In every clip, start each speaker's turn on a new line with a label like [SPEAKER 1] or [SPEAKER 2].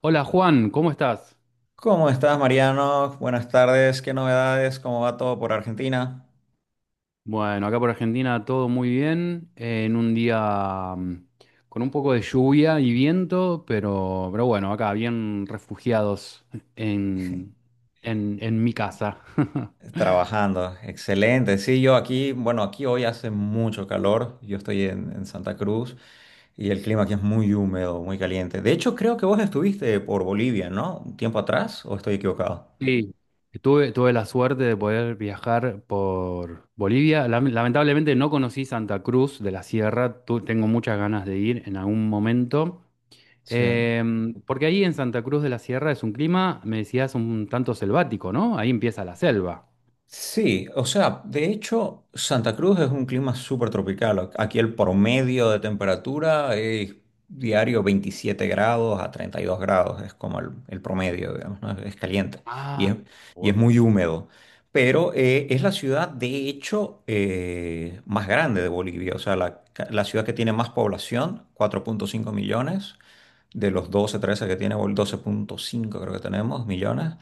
[SPEAKER 1] Hola Juan, ¿cómo estás?
[SPEAKER 2] ¿Cómo estás, Mariano? Buenas tardes. ¿Qué novedades? ¿Cómo va todo por Argentina?
[SPEAKER 1] Bueno, acá por Argentina todo muy bien, en un día con un poco de lluvia y viento, pero bueno, acá bien refugiados en, en mi casa.
[SPEAKER 2] Trabajando. Excelente. Sí, yo aquí, bueno, aquí hoy hace mucho calor. Yo estoy en Santa Cruz y el clima aquí es muy húmedo, muy caliente. De hecho, creo que vos estuviste por Bolivia, ¿no? Un tiempo atrás, ¿o estoy equivocado?
[SPEAKER 1] Sí, tuve la suerte de poder viajar por Bolivia. Lamentablemente no conocí Santa Cruz de la Sierra, tengo muchas ganas de ir en algún momento.
[SPEAKER 2] Sí.
[SPEAKER 1] Porque ahí en Santa Cruz de la Sierra es un clima, me decías, un tanto selvático, ¿no? Ahí empieza la selva.
[SPEAKER 2] Sí, o sea, de hecho, Santa Cruz es un clima súper tropical. Aquí el promedio de temperatura es diario 27 grados a 32 grados, es como el promedio, digamos, ¿no? Es caliente y
[SPEAKER 1] Ah,
[SPEAKER 2] es, y
[SPEAKER 1] gua-
[SPEAKER 2] es muy húmedo. Pero es la ciudad, de hecho, más grande de Bolivia, o sea, la ciudad que tiene más población, 4,5 millones, de los 12 13 que tiene, o el 12,5 creo que tenemos millones,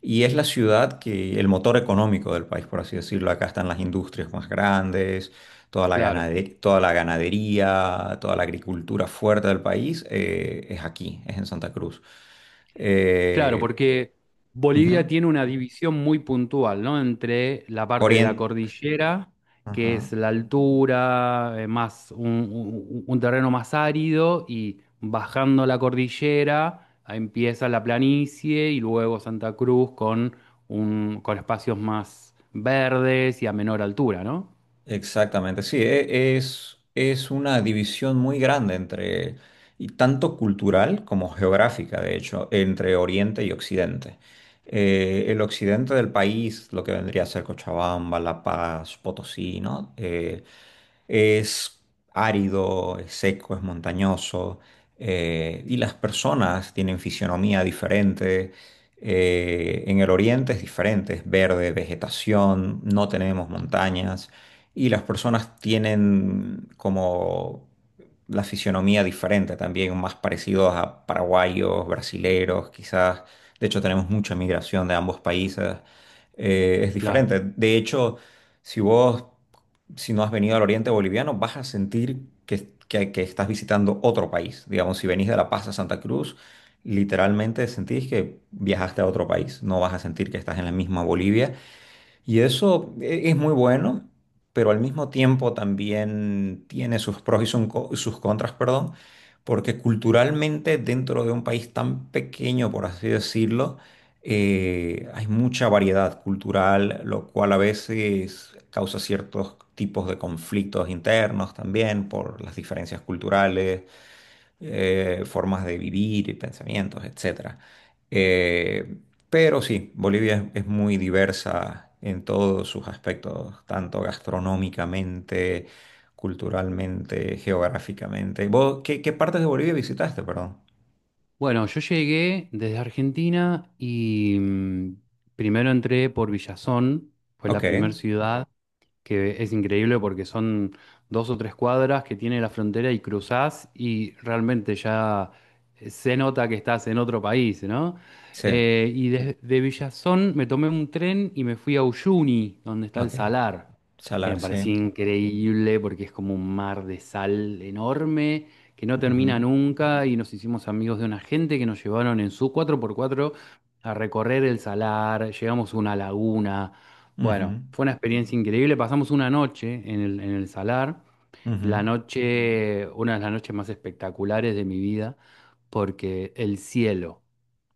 [SPEAKER 2] y es la ciudad que, el motor económico del país, por así decirlo. Acá están las industrias más grandes, toda la
[SPEAKER 1] Claro,
[SPEAKER 2] ganadería, toda la ganadería, toda la agricultura fuerte del país, es aquí, es en Santa Cruz.
[SPEAKER 1] claro,
[SPEAKER 2] Eh,
[SPEAKER 1] porque
[SPEAKER 2] Ujú.
[SPEAKER 1] Bolivia tiene una división muy puntual, ¿no? Entre la parte de
[SPEAKER 2] Orien-
[SPEAKER 1] la cordillera, que
[SPEAKER 2] ajá.
[SPEAKER 1] es la altura, más un terreno más árido, y bajando la cordillera ahí empieza la planicie y luego Santa Cruz con, un, con espacios más verdes y a menor altura, ¿no?
[SPEAKER 2] Exactamente, sí, es una división muy grande, entre, y tanto cultural como geográfica, de hecho, entre Oriente y Occidente. El occidente del país, lo que vendría a ser Cochabamba, La Paz, Potosí, ¿no? Es árido, es seco, es montañoso, y las personas tienen fisionomía diferente. En el oriente es diferente, es verde, vegetación, no tenemos montañas, y las personas tienen como la fisionomía diferente también, más parecidos a paraguayos, brasileros, quizás. De hecho, tenemos mucha migración de ambos países. Es
[SPEAKER 1] Claro.
[SPEAKER 2] diferente. De hecho, si vos, si no has venido al Oriente Boliviano, vas a sentir que estás visitando otro país. Digamos, si venís de La Paz a Santa Cruz, literalmente sentís que viajaste a otro país. No vas a sentir que estás en la misma Bolivia, y eso es muy bueno, pero al mismo tiempo también tiene sus pros y sus contras, perdón, porque culturalmente dentro de un país tan pequeño, por así decirlo, hay mucha variedad cultural, lo cual a veces causa ciertos tipos de conflictos internos también por las diferencias culturales, formas de vivir y pensamientos, etcétera. Eh, pero sí, Bolivia es muy diversa en todos sus aspectos, tanto gastronómicamente, culturalmente, geográficamente. ¿Vos qué partes de Bolivia visitaste, perdón?
[SPEAKER 1] Bueno, yo llegué desde Argentina y primero entré por Villazón, fue
[SPEAKER 2] Ok,
[SPEAKER 1] la primera ciudad que es increíble porque son dos o tres cuadras que tiene la frontera y cruzás y realmente ya se nota que estás en otro país, ¿no?
[SPEAKER 2] sí,
[SPEAKER 1] Y desde Villazón me tomé un tren y me fui a Uyuni, donde está el
[SPEAKER 2] ok.
[SPEAKER 1] salar, que me
[SPEAKER 2] Salar, sí.
[SPEAKER 1] parecía increíble porque es como un mar de sal enorme que no termina
[SPEAKER 2] Ujú,
[SPEAKER 1] nunca y nos hicimos amigos de una gente que nos llevaron en su cuatro por cuatro a recorrer el salar, llegamos a una laguna.
[SPEAKER 2] ujú,
[SPEAKER 1] Bueno, fue una experiencia increíble. Pasamos una noche en en el Salar, la
[SPEAKER 2] ujú.
[SPEAKER 1] noche, una de las noches más espectaculares de mi vida, porque el cielo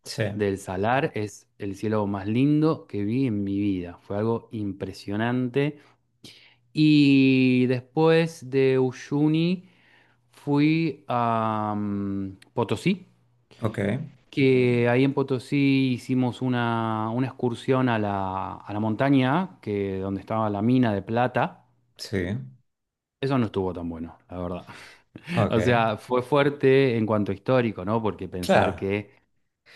[SPEAKER 2] Sí,
[SPEAKER 1] del Salar es el cielo más lindo que vi en mi vida. Fue algo impresionante. Y después de Uyuni fui a Potosí,
[SPEAKER 2] ok,
[SPEAKER 1] que ahí en Potosí hicimos una excursión a a la montaña, que, donde estaba la mina de plata.
[SPEAKER 2] sí,
[SPEAKER 1] Eso no estuvo tan bueno, la verdad.
[SPEAKER 2] ok.
[SPEAKER 1] O sea, fue fuerte en cuanto a histórico, ¿no? Porque pensar
[SPEAKER 2] Claro,
[SPEAKER 1] que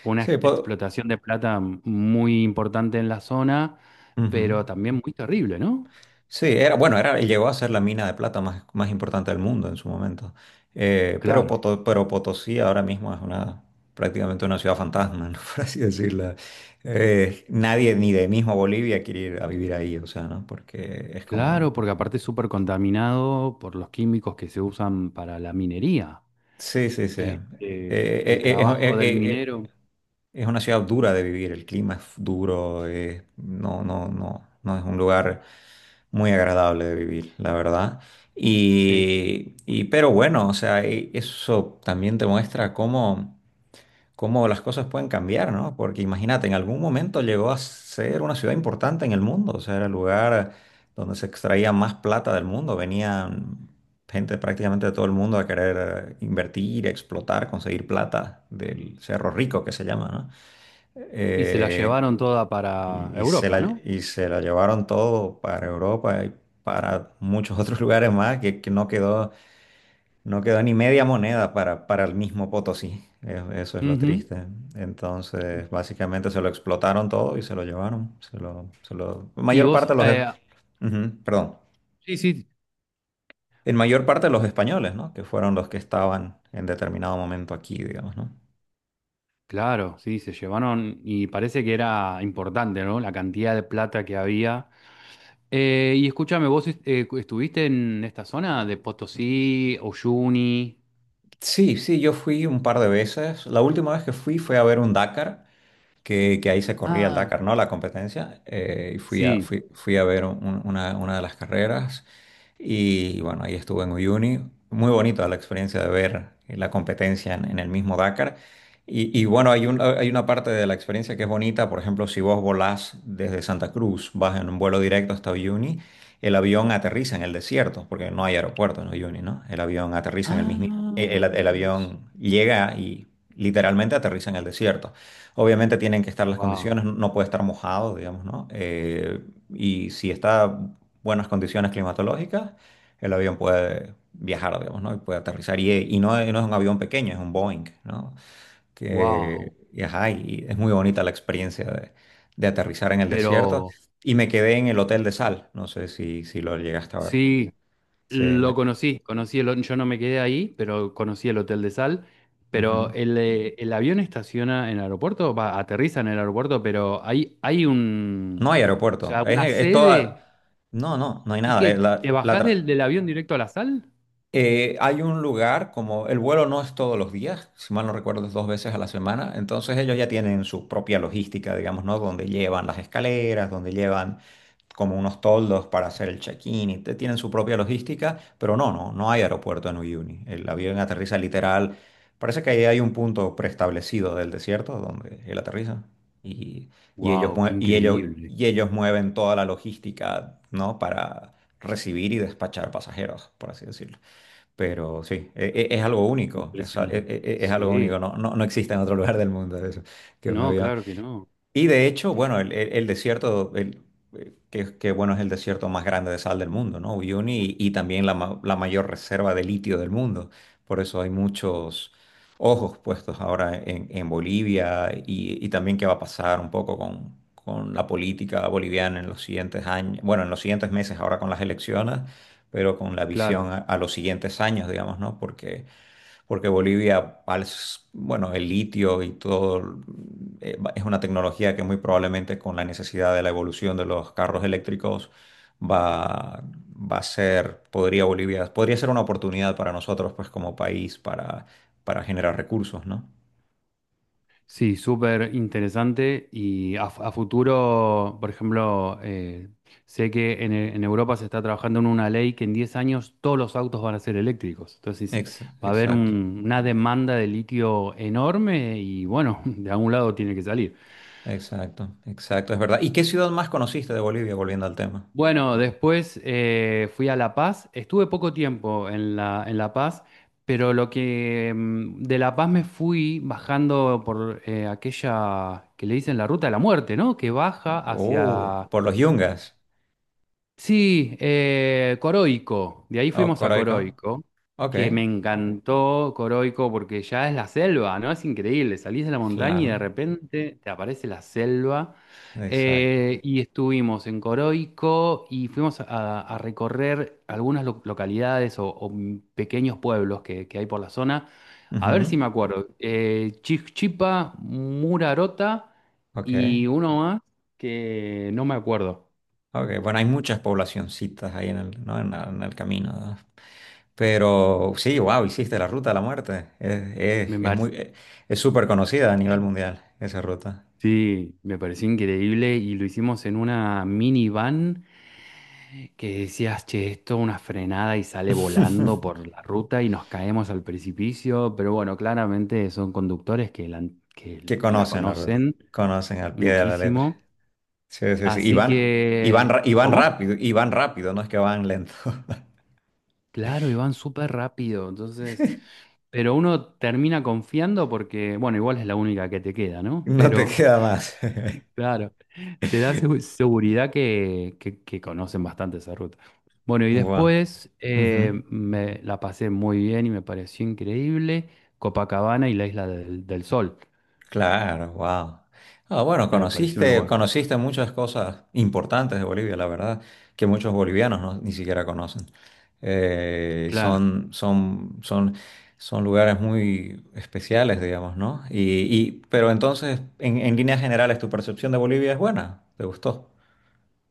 [SPEAKER 1] fue una
[SPEAKER 2] sí,
[SPEAKER 1] explotación de plata muy importante en la zona,
[SPEAKER 2] puedo.
[SPEAKER 1] pero también muy terrible, ¿no?
[SPEAKER 2] Sí, era, llegó a ser la mina de plata más importante del mundo en su momento. Eh, pero,
[SPEAKER 1] Claro,
[SPEAKER 2] Poto- pero Potosí ahora mismo es prácticamente una ciudad fantasma, ¿no? Por así decirlo. Nadie, ni de mismo Bolivia, quiere ir a vivir ahí, o sea, ¿no? Porque es como,
[SPEAKER 1] claro, porque aparte es súper contaminado por los químicos que se usan para la minería.
[SPEAKER 2] sí, sí, sí.
[SPEAKER 1] Este, el
[SPEAKER 2] Eh, eh, es, eh,
[SPEAKER 1] trabajo del
[SPEAKER 2] eh, eh,
[SPEAKER 1] minero,
[SPEAKER 2] es una ciudad dura de vivir, el clima es duro, no, no, no, no es un lugar muy agradable de vivir, la verdad.
[SPEAKER 1] sí.
[SPEAKER 2] Y pero bueno, o sea, eso también te muestra cómo las cosas pueden cambiar, ¿no? Porque imagínate, en algún momento llegó a ser una ciudad importante en el mundo, o sea, era el lugar donde se extraía más plata del mundo, venían gente prácticamente de todo el mundo a querer invertir, explotar, conseguir plata del Cerro Rico, que se llama, ¿no?
[SPEAKER 1] Y se la
[SPEAKER 2] Eh,
[SPEAKER 1] llevaron toda para
[SPEAKER 2] y, y se la,
[SPEAKER 1] Europa, ¿no?
[SPEAKER 2] y se la llevaron todo para Europa y para muchos otros lugares más, que no quedó ni media moneda para el mismo Potosí. Eso es lo
[SPEAKER 1] Ujú.
[SPEAKER 2] triste. Entonces, básicamente se lo explotaron todo y se lo llevaron. Se lo, se lo, en
[SPEAKER 1] Y
[SPEAKER 2] mayor
[SPEAKER 1] vos,
[SPEAKER 2] parte los. Ujú, perdón.
[SPEAKER 1] sí, sí,
[SPEAKER 2] En mayor parte los españoles, ¿no? Que fueron los que estaban en determinado momento aquí, digamos, ¿no?
[SPEAKER 1] claro, sí, se llevaron y parece que era importante, ¿no? La cantidad de plata que había. Y escúchame, ¿vos estuviste en esta zona de Potosí, Uyuni?
[SPEAKER 2] Sí, sí, yo fui un par de veces. La última vez que fui, fue a ver un Dakar. Que ahí se corría el
[SPEAKER 1] Ah,
[SPEAKER 2] Dakar, ¿no? La competencia. eh, y fui a,
[SPEAKER 1] sí.
[SPEAKER 2] fui, fui a ver una de las carreras. Y bueno, ahí estuve en Uyuni. Muy bonito la experiencia de ver la competencia en el mismo Dakar. Y bueno, hay una parte de la experiencia que es bonita. Por ejemplo, si vos volás desde Santa Cruz, vas en un vuelo directo hasta Uyuni, el avión aterriza en el desierto, porque no hay aeropuerto en Uyuni, ¿no? El avión aterriza en el mismo. El,
[SPEAKER 1] Ah,
[SPEAKER 2] el- el avión llega y literalmente aterriza en el desierto. Obviamente tienen que estar las
[SPEAKER 1] wow,
[SPEAKER 2] condiciones, no puede estar mojado, digamos, ¿no? Y si está en buenas condiciones climatológicas, el avión puede viajar, digamos, ¿no? Y puede aterrizar. Y no es un avión pequeño, es un Boeing, ¿no? Que,
[SPEAKER 1] wow.
[SPEAKER 2] y, ajá, y es muy bonita la experiencia de aterrizar en el desierto.
[SPEAKER 1] Pero
[SPEAKER 2] Y me quedé en el Hotel de Sal, no sé si lo llegaste a ver.
[SPEAKER 1] sí,
[SPEAKER 2] Sí,
[SPEAKER 1] lo conocí, conocí el, yo no me quedé ahí, pero conocí el Hotel de Sal. Pero
[SPEAKER 2] ujú.
[SPEAKER 1] el avión estaciona en el aeropuerto, va, aterriza en el aeropuerto, pero hay
[SPEAKER 2] No
[SPEAKER 1] un,
[SPEAKER 2] hay
[SPEAKER 1] o
[SPEAKER 2] aeropuerto,
[SPEAKER 1] sea,
[SPEAKER 2] es,
[SPEAKER 1] una
[SPEAKER 2] es toda.
[SPEAKER 1] sede.
[SPEAKER 2] No, no, no hay
[SPEAKER 1] ¿Y
[SPEAKER 2] nada.
[SPEAKER 1] qué? ¿Te bajás del, del avión directo a la sal?
[SPEAKER 2] Hay un lugar, como el vuelo no es todos los días, si mal no recuerdo es dos veces a la semana, entonces ellos ya tienen su propia logística, digamos, ¿no? Donde llevan las escaleras, donde llevan como unos toldos para hacer el check-in, y tienen su propia logística, pero no, no, no hay aeropuerto en Uyuni. El avión aterriza literal, parece que ahí hay un punto preestablecido del desierto donde él aterriza, y, y ellos,
[SPEAKER 1] ¡Wow! ¡Qué
[SPEAKER 2] mue- y ellos,
[SPEAKER 1] increíble!
[SPEAKER 2] y ellos mueven toda la logística, ¿no? Para recibir y despachar pasajeros, por así decirlo. Pero sí, es algo único, es, a- e-
[SPEAKER 1] Impresionante.
[SPEAKER 2] e- es algo único,
[SPEAKER 1] Sí.
[SPEAKER 2] no, no, no existe en otro lugar del mundo eso, que un
[SPEAKER 1] No,
[SPEAKER 2] avión,
[SPEAKER 1] claro que no.
[SPEAKER 2] y de hecho, bueno, el desierto, bueno, es el desierto más grande de sal del mundo, ¿no? Uyuni, y también la mayor reserva de litio del mundo. Por eso hay muchos ojos puestos ahora en Bolivia, y también qué va a pasar un poco con la política boliviana en los siguientes años, bueno, en los siguientes meses ahora con las elecciones, pero con la visión
[SPEAKER 1] Claro.
[SPEAKER 2] a los siguientes años, digamos, ¿no? porque Bolivia, bueno, el litio y todo, es una tecnología que muy probablemente con la necesidad de la evolución de los carros eléctricos va, podría ser una oportunidad para nosotros, pues como país, para generar recursos, ¿no?
[SPEAKER 1] Sí, súper interesante y a futuro, por ejemplo, sé que en, en Europa se está trabajando en una ley que en 10 años todos los autos van a ser eléctricos. Entonces
[SPEAKER 2] Ex-
[SPEAKER 1] va a haber
[SPEAKER 2] exacto,
[SPEAKER 1] una demanda de litio enorme y bueno, de algún lado tiene que salir.
[SPEAKER 2] exacto, exacto, es verdad. ¿Y qué ciudad más conociste de Bolivia, volviendo al tema?
[SPEAKER 1] Bueno, después fui a La Paz. Estuve poco tiempo en en La Paz, pero lo que de La Paz me fui bajando por aquella que le dicen la ruta de la muerte, ¿no? Que baja
[SPEAKER 2] Oh,
[SPEAKER 1] hacia
[SPEAKER 2] por los Yungas.
[SPEAKER 1] sí, Coroico, de ahí
[SPEAKER 2] Oh,
[SPEAKER 1] fuimos a
[SPEAKER 2] Coroico.
[SPEAKER 1] Coroico,
[SPEAKER 2] Ok,
[SPEAKER 1] que me encantó Coroico porque ya es la selva, ¿no? Es increíble, salís de la montaña y de
[SPEAKER 2] claro,
[SPEAKER 1] repente te aparece la selva.
[SPEAKER 2] exacto.
[SPEAKER 1] Y estuvimos en Coroico y fuimos a recorrer algunas localidades o pequeños pueblos que hay por la zona. A ver
[SPEAKER 2] Ujú,
[SPEAKER 1] si me acuerdo. Chichipa, Murarota
[SPEAKER 2] ok.
[SPEAKER 1] y uno más que no me acuerdo.
[SPEAKER 2] Ok, bueno, hay muchas poblacioncitas ahí en el, ¿no?, en el camino, ¿no? Pero sí, wow, hiciste la ruta de la muerte. Es muy, es súper conocida a nivel mundial esa ruta.
[SPEAKER 1] Sí, me pareció increíble y lo hicimos en una minivan que decías, che, esto una frenada y sale volando por la ruta y nos caemos al precipicio, pero bueno, claramente son conductores que que
[SPEAKER 2] Que
[SPEAKER 1] la
[SPEAKER 2] conocen la ruta,
[SPEAKER 1] conocen
[SPEAKER 2] conocen al pie de la letra.
[SPEAKER 1] muchísimo,
[SPEAKER 2] Sí, sí, sí. Y
[SPEAKER 1] así
[SPEAKER 2] van, y van,
[SPEAKER 1] que,
[SPEAKER 2] ra- y van
[SPEAKER 1] ¿cómo?
[SPEAKER 2] rápido, y van rápido, no es que van lento.
[SPEAKER 1] Claro, y van súper rápido, entonces, pero uno termina confiando porque, bueno, igual es la única que te queda, ¿no?
[SPEAKER 2] No te
[SPEAKER 1] Pero...
[SPEAKER 2] queda más.
[SPEAKER 1] Claro, te da seguridad que, que conocen bastante esa ruta. Bueno, y
[SPEAKER 2] Wow.
[SPEAKER 1] después me la pasé muy bien y me pareció increíble Copacabana y la Isla del, del Sol.
[SPEAKER 2] Claro, wow. Ah, bueno,
[SPEAKER 1] Me pareció un
[SPEAKER 2] conociste,
[SPEAKER 1] lugar.
[SPEAKER 2] conociste muchas cosas importantes de Bolivia, la verdad, que muchos bolivianos ni siquiera conocen. Eh,
[SPEAKER 1] Claro,
[SPEAKER 2] son, son, son, son lugares muy especiales, digamos, ¿no? Pero entonces, en líneas generales, ¿tu percepción de Bolivia es buena? ¿Te gustó?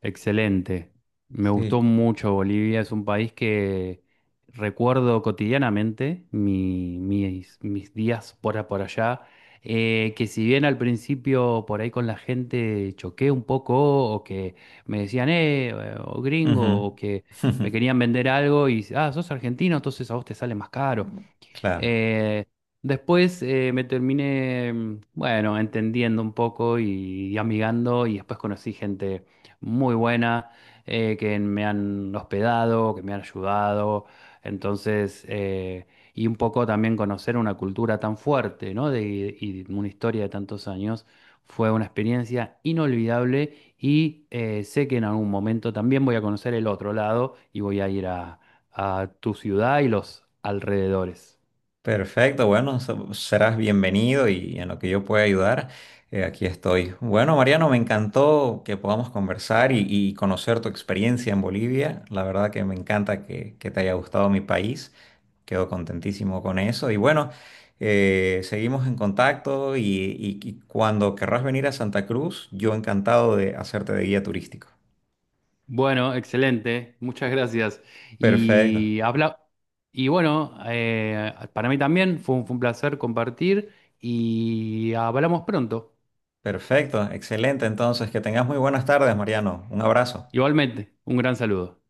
[SPEAKER 1] excelente. Me
[SPEAKER 2] Sí.
[SPEAKER 1] gustó mucho Bolivia. Es un país que recuerdo cotidianamente mis, mis días por, por allá. Que si bien al principio por ahí con la gente choqué un poco o que me decían, o
[SPEAKER 2] Ujú.
[SPEAKER 1] gringo, o que me querían vender algo y, ah, sos argentino, entonces a vos te sale más caro.
[SPEAKER 2] Claro.
[SPEAKER 1] Eh, Después bueno, entendiendo un poco y amigando y después conocí gente muy buena que me han hospedado, que me han ayudado. Entonces, y un poco también conocer una cultura tan fuerte, ¿no? De, y una historia de tantos años. Fue una experiencia inolvidable y sé que en algún momento también voy a conocer el otro lado y voy a ir a tu ciudad y los alrededores.
[SPEAKER 2] Perfecto, bueno, serás bienvenido, y en lo que yo pueda ayudar, aquí estoy. Bueno, Mariano, me encantó que podamos conversar y conocer tu experiencia en Bolivia. La verdad que me encanta que te haya gustado mi país. Quedo contentísimo con eso. Y bueno, seguimos en contacto, y cuando querrás venir a Santa Cruz, yo encantado de hacerte de guía turístico.
[SPEAKER 1] Bueno, excelente, muchas gracias.
[SPEAKER 2] Perfecto,
[SPEAKER 1] Y habla y bueno, para mí también fue un placer compartir y hablamos pronto.
[SPEAKER 2] perfecto, excelente. Entonces, que tengas muy buenas tardes, Mariano. Un abrazo.
[SPEAKER 1] Igualmente, un gran saludo.